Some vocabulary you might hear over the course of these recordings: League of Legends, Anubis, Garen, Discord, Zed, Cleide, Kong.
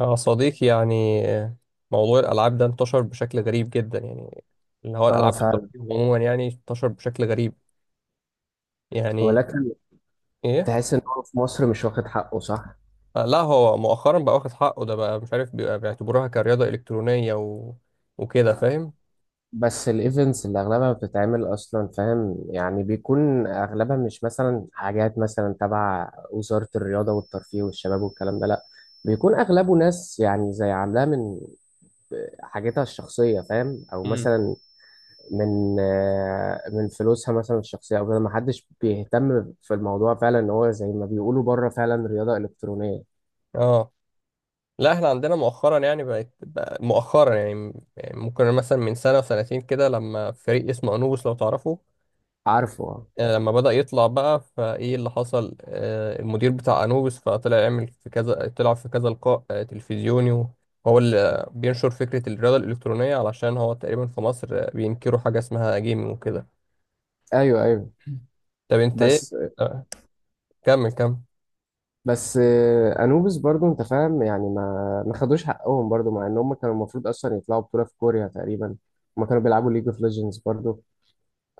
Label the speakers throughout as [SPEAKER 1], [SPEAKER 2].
[SPEAKER 1] يا صديقي، يعني موضوع الألعاب ده انتشر بشكل غريب جدا. يعني اللي هو
[SPEAKER 2] اه
[SPEAKER 1] الألعاب
[SPEAKER 2] فعلا،
[SPEAKER 1] الترفيه عموما، يعني انتشر بشكل غريب. يعني
[SPEAKER 2] ولكن
[SPEAKER 1] إيه؟
[SPEAKER 2] تحس ان هو في مصر مش واخد حقه صح.
[SPEAKER 1] لا، هو مؤخرا بقى واخد حقه. ده بقى مش عارف، بيبقى بيعتبروها كرياضة إلكترونية وكده، فاهم؟
[SPEAKER 2] بس الايفنتس اللي اغلبها بتتعمل اصلا فاهم يعني بيكون اغلبها مش مثلا حاجات مثلا تبع وزارة الرياضة والترفيه والشباب والكلام ده لا، بيكون اغلبه ناس يعني زي عاملاه من حاجتها الشخصية فاهم او
[SPEAKER 1] امم.
[SPEAKER 2] مثلا من من فلوسها مثلا الشخصية او كده، محدش بيهتم في الموضوع فعلا ان هو زي ما بيقولوا بره فعلا رياضة الكترونية.
[SPEAKER 1] اه، لا احنا عندنا مؤخرا يعني بقت بقى مؤخرا يعني ممكن مثلا من سنة وسنتين كده لما فريق اسمه أنوبوس، لو تعرفه.
[SPEAKER 2] عارفه آه.
[SPEAKER 1] لما بدأ يطلع بقى فايه اللي حصل، المدير بتاع انوبيس فطلع يعمل في كذا، طلع في كذا لقاء تلفزيوني. وهو اللي بينشر فكرة الرياضة الإلكترونية، علشان هو تقريبا في مصر بينكروا حاجة اسمها جيمنج وكده.
[SPEAKER 2] ايوه ايوه.
[SPEAKER 1] طب انت ايه؟
[SPEAKER 2] بس
[SPEAKER 1] آه، كمل كمل.
[SPEAKER 2] بس انوبis برضو انت فاهم يعني ما خدوش حقهم برضو مع ان هم كانوا المفروض اصلا يطلعوا بطوله في كوريا تقريبا. هم كانوا بيلعبوا ليج اوف ليجندز برضو.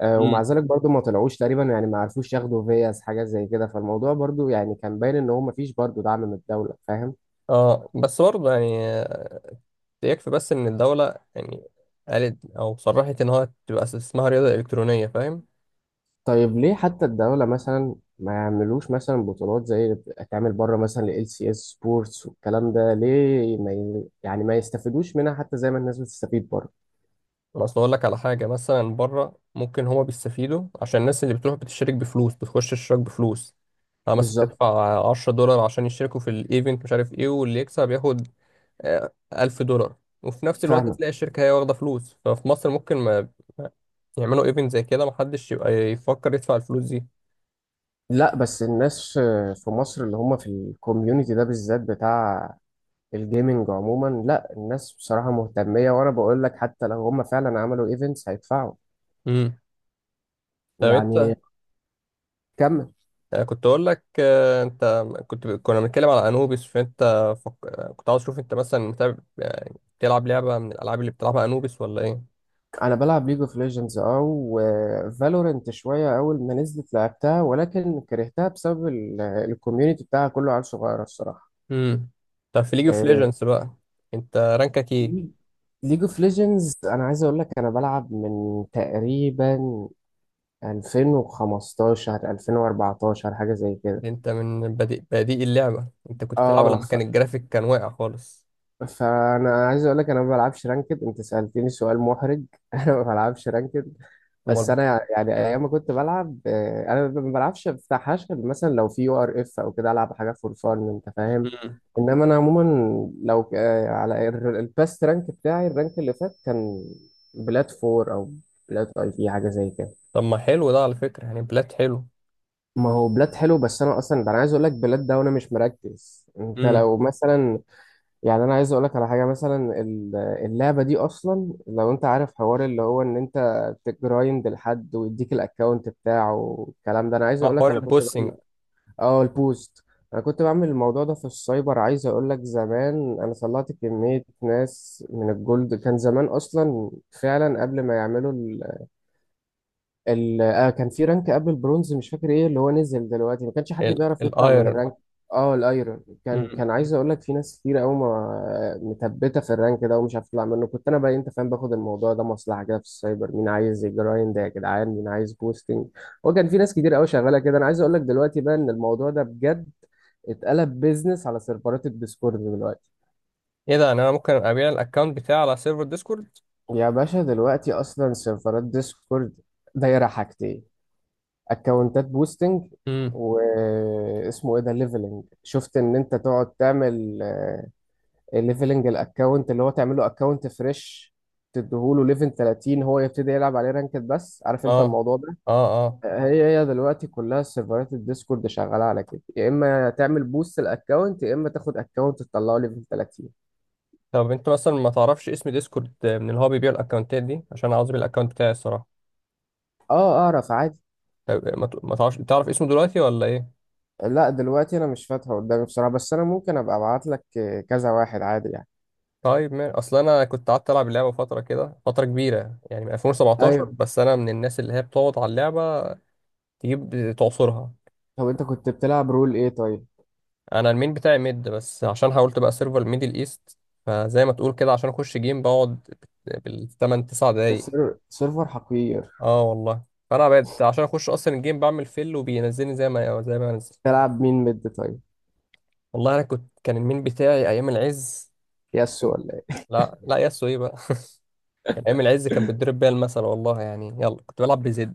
[SPEAKER 2] ومع
[SPEAKER 1] امم.
[SPEAKER 2] ذلك برضو ما طلعوش تقريبا، يعني ما عرفوش ياخدوا فياس حاجه زي كده، فالموضوع برضو يعني كان باين ان هو ما فيش برضو دعم من الدوله فاهم.
[SPEAKER 1] اه، بس برضه يعني يكفي بس ان الدولة يعني قالت او صرحت ان هو تبقى اسمها رياضة إلكترونية، فاهم.
[SPEAKER 2] طيب ليه حتى الدوله مثلا ما يعملوش مثلا بطولات زي اللي بتتعمل بره، مثلا ال سي اس سبورتس والكلام ده، ليه ما ي- يعني ما يستفيدوش منها حتى زي ما الناس بتستفيد بره؟
[SPEAKER 1] انا اصل اقول لك على حاجه. مثلا بره ممكن هما بيستفيدوا عشان الناس اللي بتروح بتشترك بفلوس، بتخش اشتراك بفلوس. مثلا
[SPEAKER 2] بالظبط.
[SPEAKER 1] تدفع $10 عشان يشتركوا في الايفنت، مش عارف ايه، واللي يكسب ياخد $1,000. وفي نفس الوقت
[SPEAKER 2] فاهمك.
[SPEAKER 1] تلاقي الشركه هي واخده فلوس. ففي مصر ممكن ما يعملوا ايفنت زي كده، محدش يبقى يفكر يدفع الفلوس دي.
[SPEAKER 2] لا بس الناس في مصر اللي هم في الكوميونتي ده بالذات بتاع الجيمنج عموما، لا الناس بصراحة مهتمية وانا بقول لك حتى لو هم فعلا عملوا ايفنتس هيدفعوا.
[SPEAKER 1] امم. طب انت
[SPEAKER 2] يعني كمل.
[SPEAKER 1] كنت اقول لك. انت كنا بنتكلم على انوبيس. فانت فك... آه، كنت عاوز اشوف، انت مثلا متابع؟ يعني بتلعب لعبه من الالعاب اللي بتلعبها انوبيس ولا ايه؟
[SPEAKER 2] انا بلعب ليج اوف ليجندز اه، وفالورنت شوية اول ما نزلت لعبتها ولكن كرهتها بسبب الكوميونتي بتاعها، كله عيال صغيرة الصراحة.
[SPEAKER 1] امم. طب في ليج اوف
[SPEAKER 2] آه،
[SPEAKER 1] ليجندز بقى، انت رانكك ايه؟
[SPEAKER 2] ليج اوف ليجندز انا عايز اقول لك انا بلعب من تقريبا 2015 2014 حاجة زي كده.
[SPEAKER 1] ده انت من بديء اللعبة، انت كنت بتلعب
[SPEAKER 2] اه
[SPEAKER 1] لما
[SPEAKER 2] ف...
[SPEAKER 1] كان الجرافيك كان واقع خالص.
[SPEAKER 2] فانا عايز اقول لك انا ما بلعبش رانكد. انت سألتني سؤال محرج انا ما بلعبش رانكد. بس
[SPEAKER 1] امال.
[SPEAKER 2] انا يعني ايام ما كنت بلعب انا ما بلعبش بتاع غير مثلا لو في يو ار اف او كده العب حاجة فور فان انت فاهم.
[SPEAKER 1] امم.
[SPEAKER 2] انما انا عموما، لو ك- آه، على ال- الباست رانك بتاعي الرانك اللي فات كان بلات فور او بلات اي في حاجة زي كده.
[SPEAKER 1] طب ما حلو ده على فكرة، يعني بلات حلو.
[SPEAKER 2] ما هو بلاد حلو، بس انا اصلا ده انا عايز اقول لك بلاد ده وانا مش مركز. انت
[SPEAKER 1] امم.
[SPEAKER 2] لو مثلا، يعني انا عايز اقول لك على حاجه مثلا اللعبه دي اصلا لو انت عارف حوار اللي هو ان انت تجرايند لحد ويديك الاكونت بتاعه والكلام ده، انا عايز
[SPEAKER 1] مع
[SPEAKER 2] اقول لك
[SPEAKER 1] حوار
[SPEAKER 2] انا كنت
[SPEAKER 1] البوسنج.
[SPEAKER 2] بعمل. اه البوست. انا كنت بعمل الموضوع ده في السايبر، عايز اقول لك زمان انا طلعت كميه ناس من الجولد كان زمان اصلا، فعلا قبل ما يعملوا ال... آه كان في رانك قبل البرونز مش فاكر ايه اللي هو نزل دلوقتي، ما كانش حد بيعرف يطلع من
[SPEAKER 1] الايرون.
[SPEAKER 2] الرانك. اه الايرون. كان
[SPEAKER 1] امم.
[SPEAKER 2] كان عايز اقول لك في ناس كتير قوي ما متبته في الرانك ده ومش عارف تطلع منه، كنت انا بقى انت فاهم باخد الموضوع ده مصلحه كده في السايبر، مين عايز جرايند يا جدعان مين عايز بوستنج. هو كان في ناس كتير قوي شغاله كده. انا عايز اقول لك دلوقتي بقى ان الموضوع ده بجد اتقلب بيزنس على سيرفرات الديسكورد دلوقتي.
[SPEAKER 1] ايه ده؟ يعني انا ممكن ابيع الاكونت بتاعي على سيرفر ديسكورد؟
[SPEAKER 2] يا باشا، دلوقتي اصلا سيرفرات ديسكورد دايره حاجتين، اكونتات بوستنج
[SPEAKER 1] امم.
[SPEAKER 2] واسمه ايه ده ليفلنج. شفت ان انت تقعد تعمل ليفلنج الاكونت، اللي هو تعمله اكونت فريش تديهوله ليفل 30 هو يبتدي يلعب عليه رانكد، بس عارف انت
[SPEAKER 1] اه،
[SPEAKER 2] الموضوع ده.
[SPEAKER 1] اه، اه.
[SPEAKER 2] هي دلوقتي كلها سيرفرات الديسكورد شغاله على كده، يا اما تعمل بوست الاكونت يا اما تاخد اكونت تطلعه ليفل 30.
[SPEAKER 1] طب انت مثلا ما تعرفش اسم ديسكورد من اللي هو بيبيع الاكونتات دي؟ عشان عاوز ابيع الاكونت بتاعي، الصراحة.
[SPEAKER 2] اه اعرف عادي.
[SPEAKER 1] طب ما تعرفش تعرف اسمه دلوقتي ولا ايه؟
[SPEAKER 2] لا دلوقتي انا مش فاتحه قدامي بصراحه، بس انا ممكن ابقى ابعت لك كذا واحد عادي يعني.
[SPEAKER 1] طيب، ما اصل انا كنت قعدت العب اللعبه فتره كده، فتره كبيره يعني من 2017.
[SPEAKER 2] ايوه.
[SPEAKER 1] بس انا من الناس اللي هي بتقعد على اللعبه تجيب تعصرها.
[SPEAKER 2] طب انت كنت بتلعب رول ايه طيب؟
[SPEAKER 1] انا المين بتاعي ميد. بس عشان حاولت بقى سيرفر ميدل ايست، فزي ما تقول كده، عشان اخش جيم بقعد بالثمان تسع دقايق.
[SPEAKER 2] سيرفر حقير.
[SPEAKER 1] اه والله. فانا بقيت عشان اخش اصلا الجيم بعمل فيل، وبينزلني زي ما انزل.
[SPEAKER 2] تلعب مين مد طيب؟
[SPEAKER 1] والله انا كنت، كان المين بتاعي ايام العز.
[SPEAKER 2] يس ولا ايه؟
[SPEAKER 1] لا لا، ياسو ايه بقى. كان ايام العز كان بيتضرب بيها المثل، والله يعني. يلا، كنت بلعب بزد.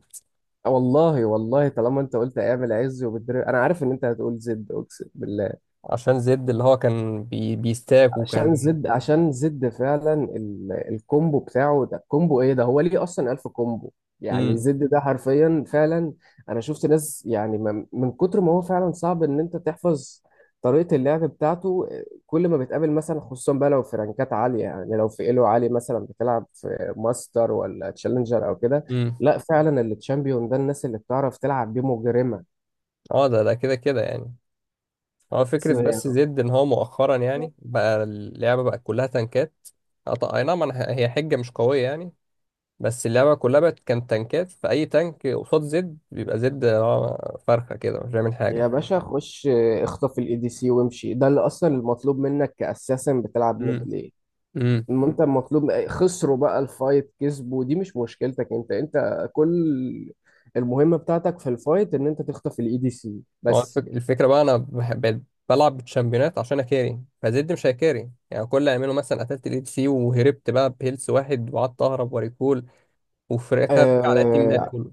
[SPEAKER 2] والله والله طالما انت قلت ايام العز وبالدري انا عارف ان انت هتقول زد، اقسم بالله.
[SPEAKER 1] عشان زد اللي هو كان بيستاك وكان.
[SPEAKER 2] عشان زد فعلا الكومبو بتاعه ده، الكومبو ايه ده، هو ليه اصلا الف كومبو يعني؟
[SPEAKER 1] امم.
[SPEAKER 2] زد ده حرفيا فعلا، انا شفت ناس يعني ما... من كتر ما هو فعلا صعب ان انت تحفظ طريقة اللعب بتاعته، كل ما بتقابل مثلا، خصوصا بقى لو في رانكات عالية يعني لو في ايلو عالي، مثلا بتلعب في ماستر ولا تشالنجر او كده،
[SPEAKER 1] امم.
[SPEAKER 2] لا فعلا التشامبيون ده الناس اللي بتعرف تلعب بيه مجرمة.
[SPEAKER 1] اه، ده كده كده يعني. هو فكرة بس زد ان هو مؤخرا يعني بقى اللعبة بقت كلها تنكات. اه، هي حجة مش قوية يعني. بس اللعبة كلها بقت، كانت تنكات. فأي تانك قصاد زد بيبقى زد هو فرخة كده، مش بيعمل
[SPEAKER 2] يا
[SPEAKER 1] حاجة.
[SPEAKER 2] باشا خش اخطف الاي دي سي وامشي، ده اللي اصلا المطلوب منك كاساسا بتلعب ميد
[SPEAKER 1] امم.
[SPEAKER 2] ليه.
[SPEAKER 1] امم.
[SPEAKER 2] المهم انت المطلوب خسروا بقى الفايت كسبوا دي مش مشكلتك، انت انت كل المهمة بتاعتك في الفايت ان انت تخطف الاي دي سي
[SPEAKER 1] ما هو
[SPEAKER 2] بس.
[SPEAKER 1] الفكرة بقى انا بقيت بلعب بالشامبيونات عشان اكاري. فزد مش هيكاري، يعني كل اللي اعمله مثلا قتلت الاي سي وهربت بقى بهيلث واحد، وقعدت اهرب وريكول وفراخ على التيمات
[SPEAKER 2] آه،
[SPEAKER 1] كله.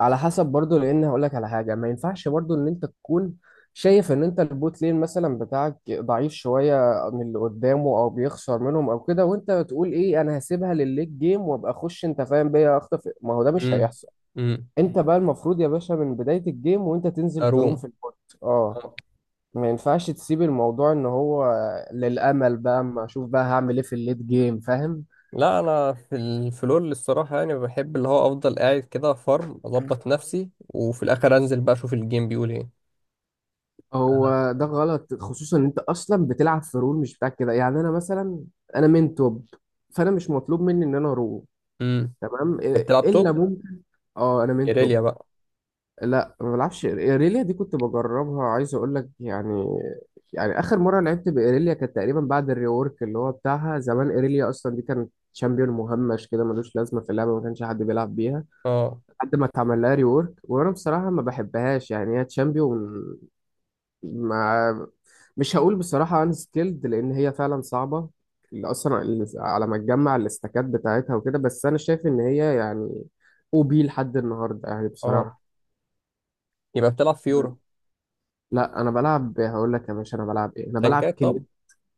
[SPEAKER 2] على حسب برضو، لان هقول لك على حاجه ما ينفعش برضو ان انت تكون شايف ان انت البوت لين مثلا بتاعك ضعيف شويه من اللي قدامه او بيخسر منهم او كده، وانت بتقول ايه انا هسيبها للليج جيم وابقى اخش انت فاهم بيا اخطف، ما هو ده مش
[SPEAKER 1] امم.
[SPEAKER 2] هيحصل.
[SPEAKER 1] امم.
[SPEAKER 2] انت بقى المفروض يا باشا من بدايه الجيم وانت تنزل تروم في
[SPEAKER 1] اروم؟
[SPEAKER 2] البوت. اه
[SPEAKER 1] آه.
[SPEAKER 2] ما ينفعش تسيب الموضوع ان هو للامل بقى اما اشوف بقى هعمل ايه في الليت جيم فاهم.
[SPEAKER 1] لا، انا في الفلور الصراحه، يعني بحب اللي هو افضل قاعد كده فارم، اظبط نفسي وفي الاخر انزل بقى اشوف الجيم بيقول ايه.
[SPEAKER 2] هو ده غلط خصوصا ان انت اصلا بتلعب في رول مش بتاعك، كده يعني. انا مثلا انا من توب، فانا مش مطلوب مني ان انا رو.
[SPEAKER 1] امم.
[SPEAKER 2] تمام
[SPEAKER 1] انت بتلعب
[SPEAKER 2] الا
[SPEAKER 1] توب؟
[SPEAKER 2] ممكن. اه انا من
[SPEAKER 1] ايريليا
[SPEAKER 2] توب.
[SPEAKER 1] بقى؟
[SPEAKER 2] لا ما بلعبش ايريليا دي، كنت بجربها عايز اقول لك يعني، يعني اخر مره لعبت بايريليا كانت تقريبا بعد الريورك اللي هو بتاعها. زمان ايريليا اصلا دي كانت شامبيون مهمش كده ملوش لازمه في اللعبه، ما كانش حد بيلعب بيها
[SPEAKER 1] اه،
[SPEAKER 2] لحد ما اتعمل لها ريورك. وانا بصراحه ما بحبهاش يعني، هي تشامبيون مش هقول بصراحة ان سكيلد لان هي فعلا صعبة اللي اصلا اللي على ما تجمع الاستكات بتاعتها وكده، بس انا شايف ان هي يعني او بي لحد النهاردة يعني
[SPEAKER 1] اه.
[SPEAKER 2] بصراحة.
[SPEAKER 1] يبقى بتلعب فيورا؟
[SPEAKER 2] لا انا بلعب، هقول لك يا باشا انا بلعب ايه، انا بلعب
[SPEAKER 1] تانكات طب؟
[SPEAKER 2] كليد.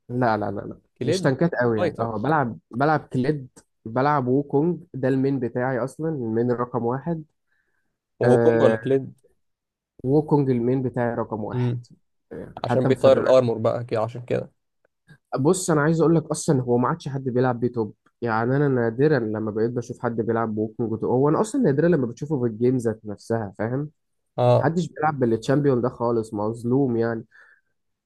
[SPEAKER 2] لا مش
[SPEAKER 1] كليد؟
[SPEAKER 2] تنكات قوي يعني،
[SPEAKER 1] فايتر؟
[SPEAKER 2] اه بلعب كليد. بلعب ووكونج ده المين بتاعي اصلا، المين رقم واحد.
[SPEAKER 1] وهو كونج ولا
[SPEAKER 2] آه
[SPEAKER 1] كليد؟
[SPEAKER 2] ووكونج المين بتاعي رقم واحد.
[SPEAKER 1] امم. عشان
[SPEAKER 2] حتى في،
[SPEAKER 1] بيطير الارمور بقى كده، عشان كده.
[SPEAKER 2] بص انا عايز اقول لك اصلا هو ما عادش حد بيلعب بيه توب، يعني انا نادرا لما بقيت بشوف حد بيلعب بوكينج تو، هو انا اصلا نادرا لما بتشوفه في الجيم ذات نفسها فاهم.
[SPEAKER 1] اه،
[SPEAKER 2] محدش بيلعب بالتشامبيون ده خالص، مظلوم يعني.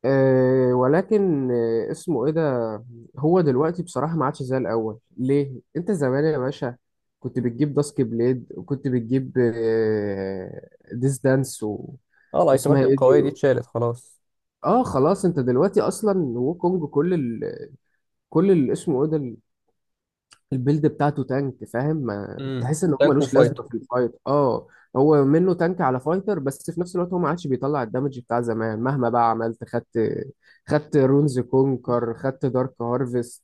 [SPEAKER 2] أه ولكن اسمه ايه ده، هو دلوقتي بصراحه ما عادش زي الاول. ليه؟ انت زمان يا باشا كنت بتجيب داسك بليد وكنت بتجيب ديس دانس
[SPEAKER 1] اه.
[SPEAKER 2] واسمها
[SPEAKER 1] الايتمات
[SPEAKER 2] ايه دي.
[SPEAKER 1] القويه دي اتشالت خلاص.
[SPEAKER 2] اه خلاص انت دلوقتي اصلا وكونج كل كل اللي اسمه ايه ده البيلد بتاعته تانك فاهم، ما
[SPEAKER 1] امم.
[SPEAKER 2] تحس ان هو
[SPEAKER 1] تانك
[SPEAKER 2] ملوش لازمه
[SPEAKER 1] وفايتر.
[SPEAKER 2] في الفايت اه. هو منه تانك على فايتر، بس في نفس الوقت هو ما عادش بيطلع الدمج بتاع زمان مهما بقى عملت، خدت رونز كونكر، خدت دارك هارفست،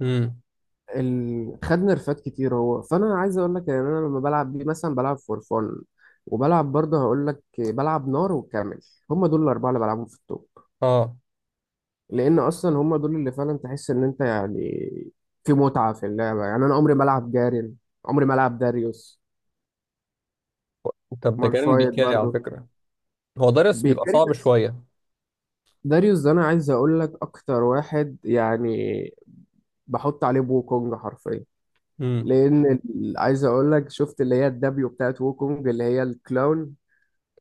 [SPEAKER 1] امم.
[SPEAKER 2] خد نرفات كتير هو. فانا عايز اقول لك ان انا لما بلعب بيه مثلا بلعب فور فون، وبلعب برضه هقول لك بلعب نار وكامل، هم دول الاربعه اللي بلعبهم في التوب،
[SPEAKER 1] اه،
[SPEAKER 2] لان اصلا هم دول اللي فعلا تحس ان انت يعني في متعه في اللعبه يعني. انا عمري ما العب جارين، عمري ما العب داريوس.
[SPEAKER 1] طب ده جارين
[SPEAKER 2] مالفايت
[SPEAKER 1] بيكاري على
[SPEAKER 2] برضو
[SPEAKER 1] فكره. هو ضرس بيبقى
[SPEAKER 2] بيكاري
[SPEAKER 1] صعب
[SPEAKER 2] بس.
[SPEAKER 1] شوية.
[SPEAKER 2] داريوس ده انا عايز اقول لك اكتر واحد يعني بحط عليه ووكونج حرفيا،
[SPEAKER 1] امم.
[SPEAKER 2] عايز اقول لك شفت اللي هي الدبليو بتاعت ووكونج اللي هي الكلاون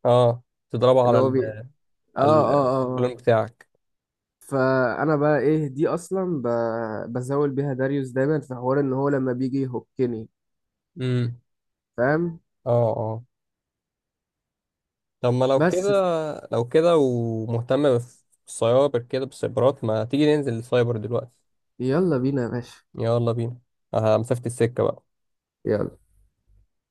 [SPEAKER 1] اه. تضربه
[SPEAKER 2] اللي
[SPEAKER 1] على
[SPEAKER 2] هو
[SPEAKER 1] ال،
[SPEAKER 2] بي اه،
[SPEAKER 1] على
[SPEAKER 2] اه اه آه.
[SPEAKER 1] البلان بتاعك.
[SPEAKER 2] فانا بقى ايه دي بزاول بيها داريوس دايما في حوار ان هو لما بيجي يهكني
[SPEAKER 1] امم.
[SPEAKER 2] فاهم.
[SPEAKER 1] اه، اه. طب ما لو كده،
[SPEAKER 2] بس
[SPEAKER 1] ومهتم بالسايبر كده، بالسايبرات، ما تيجي ننزل السايبر دلوقتي؟
[SPEAKER 2] يلا بينا يا باشا.
[SPEAKER 1] يلا بينا. اه، مسافة السكة بقى.
[SPEAKER 2] يلا.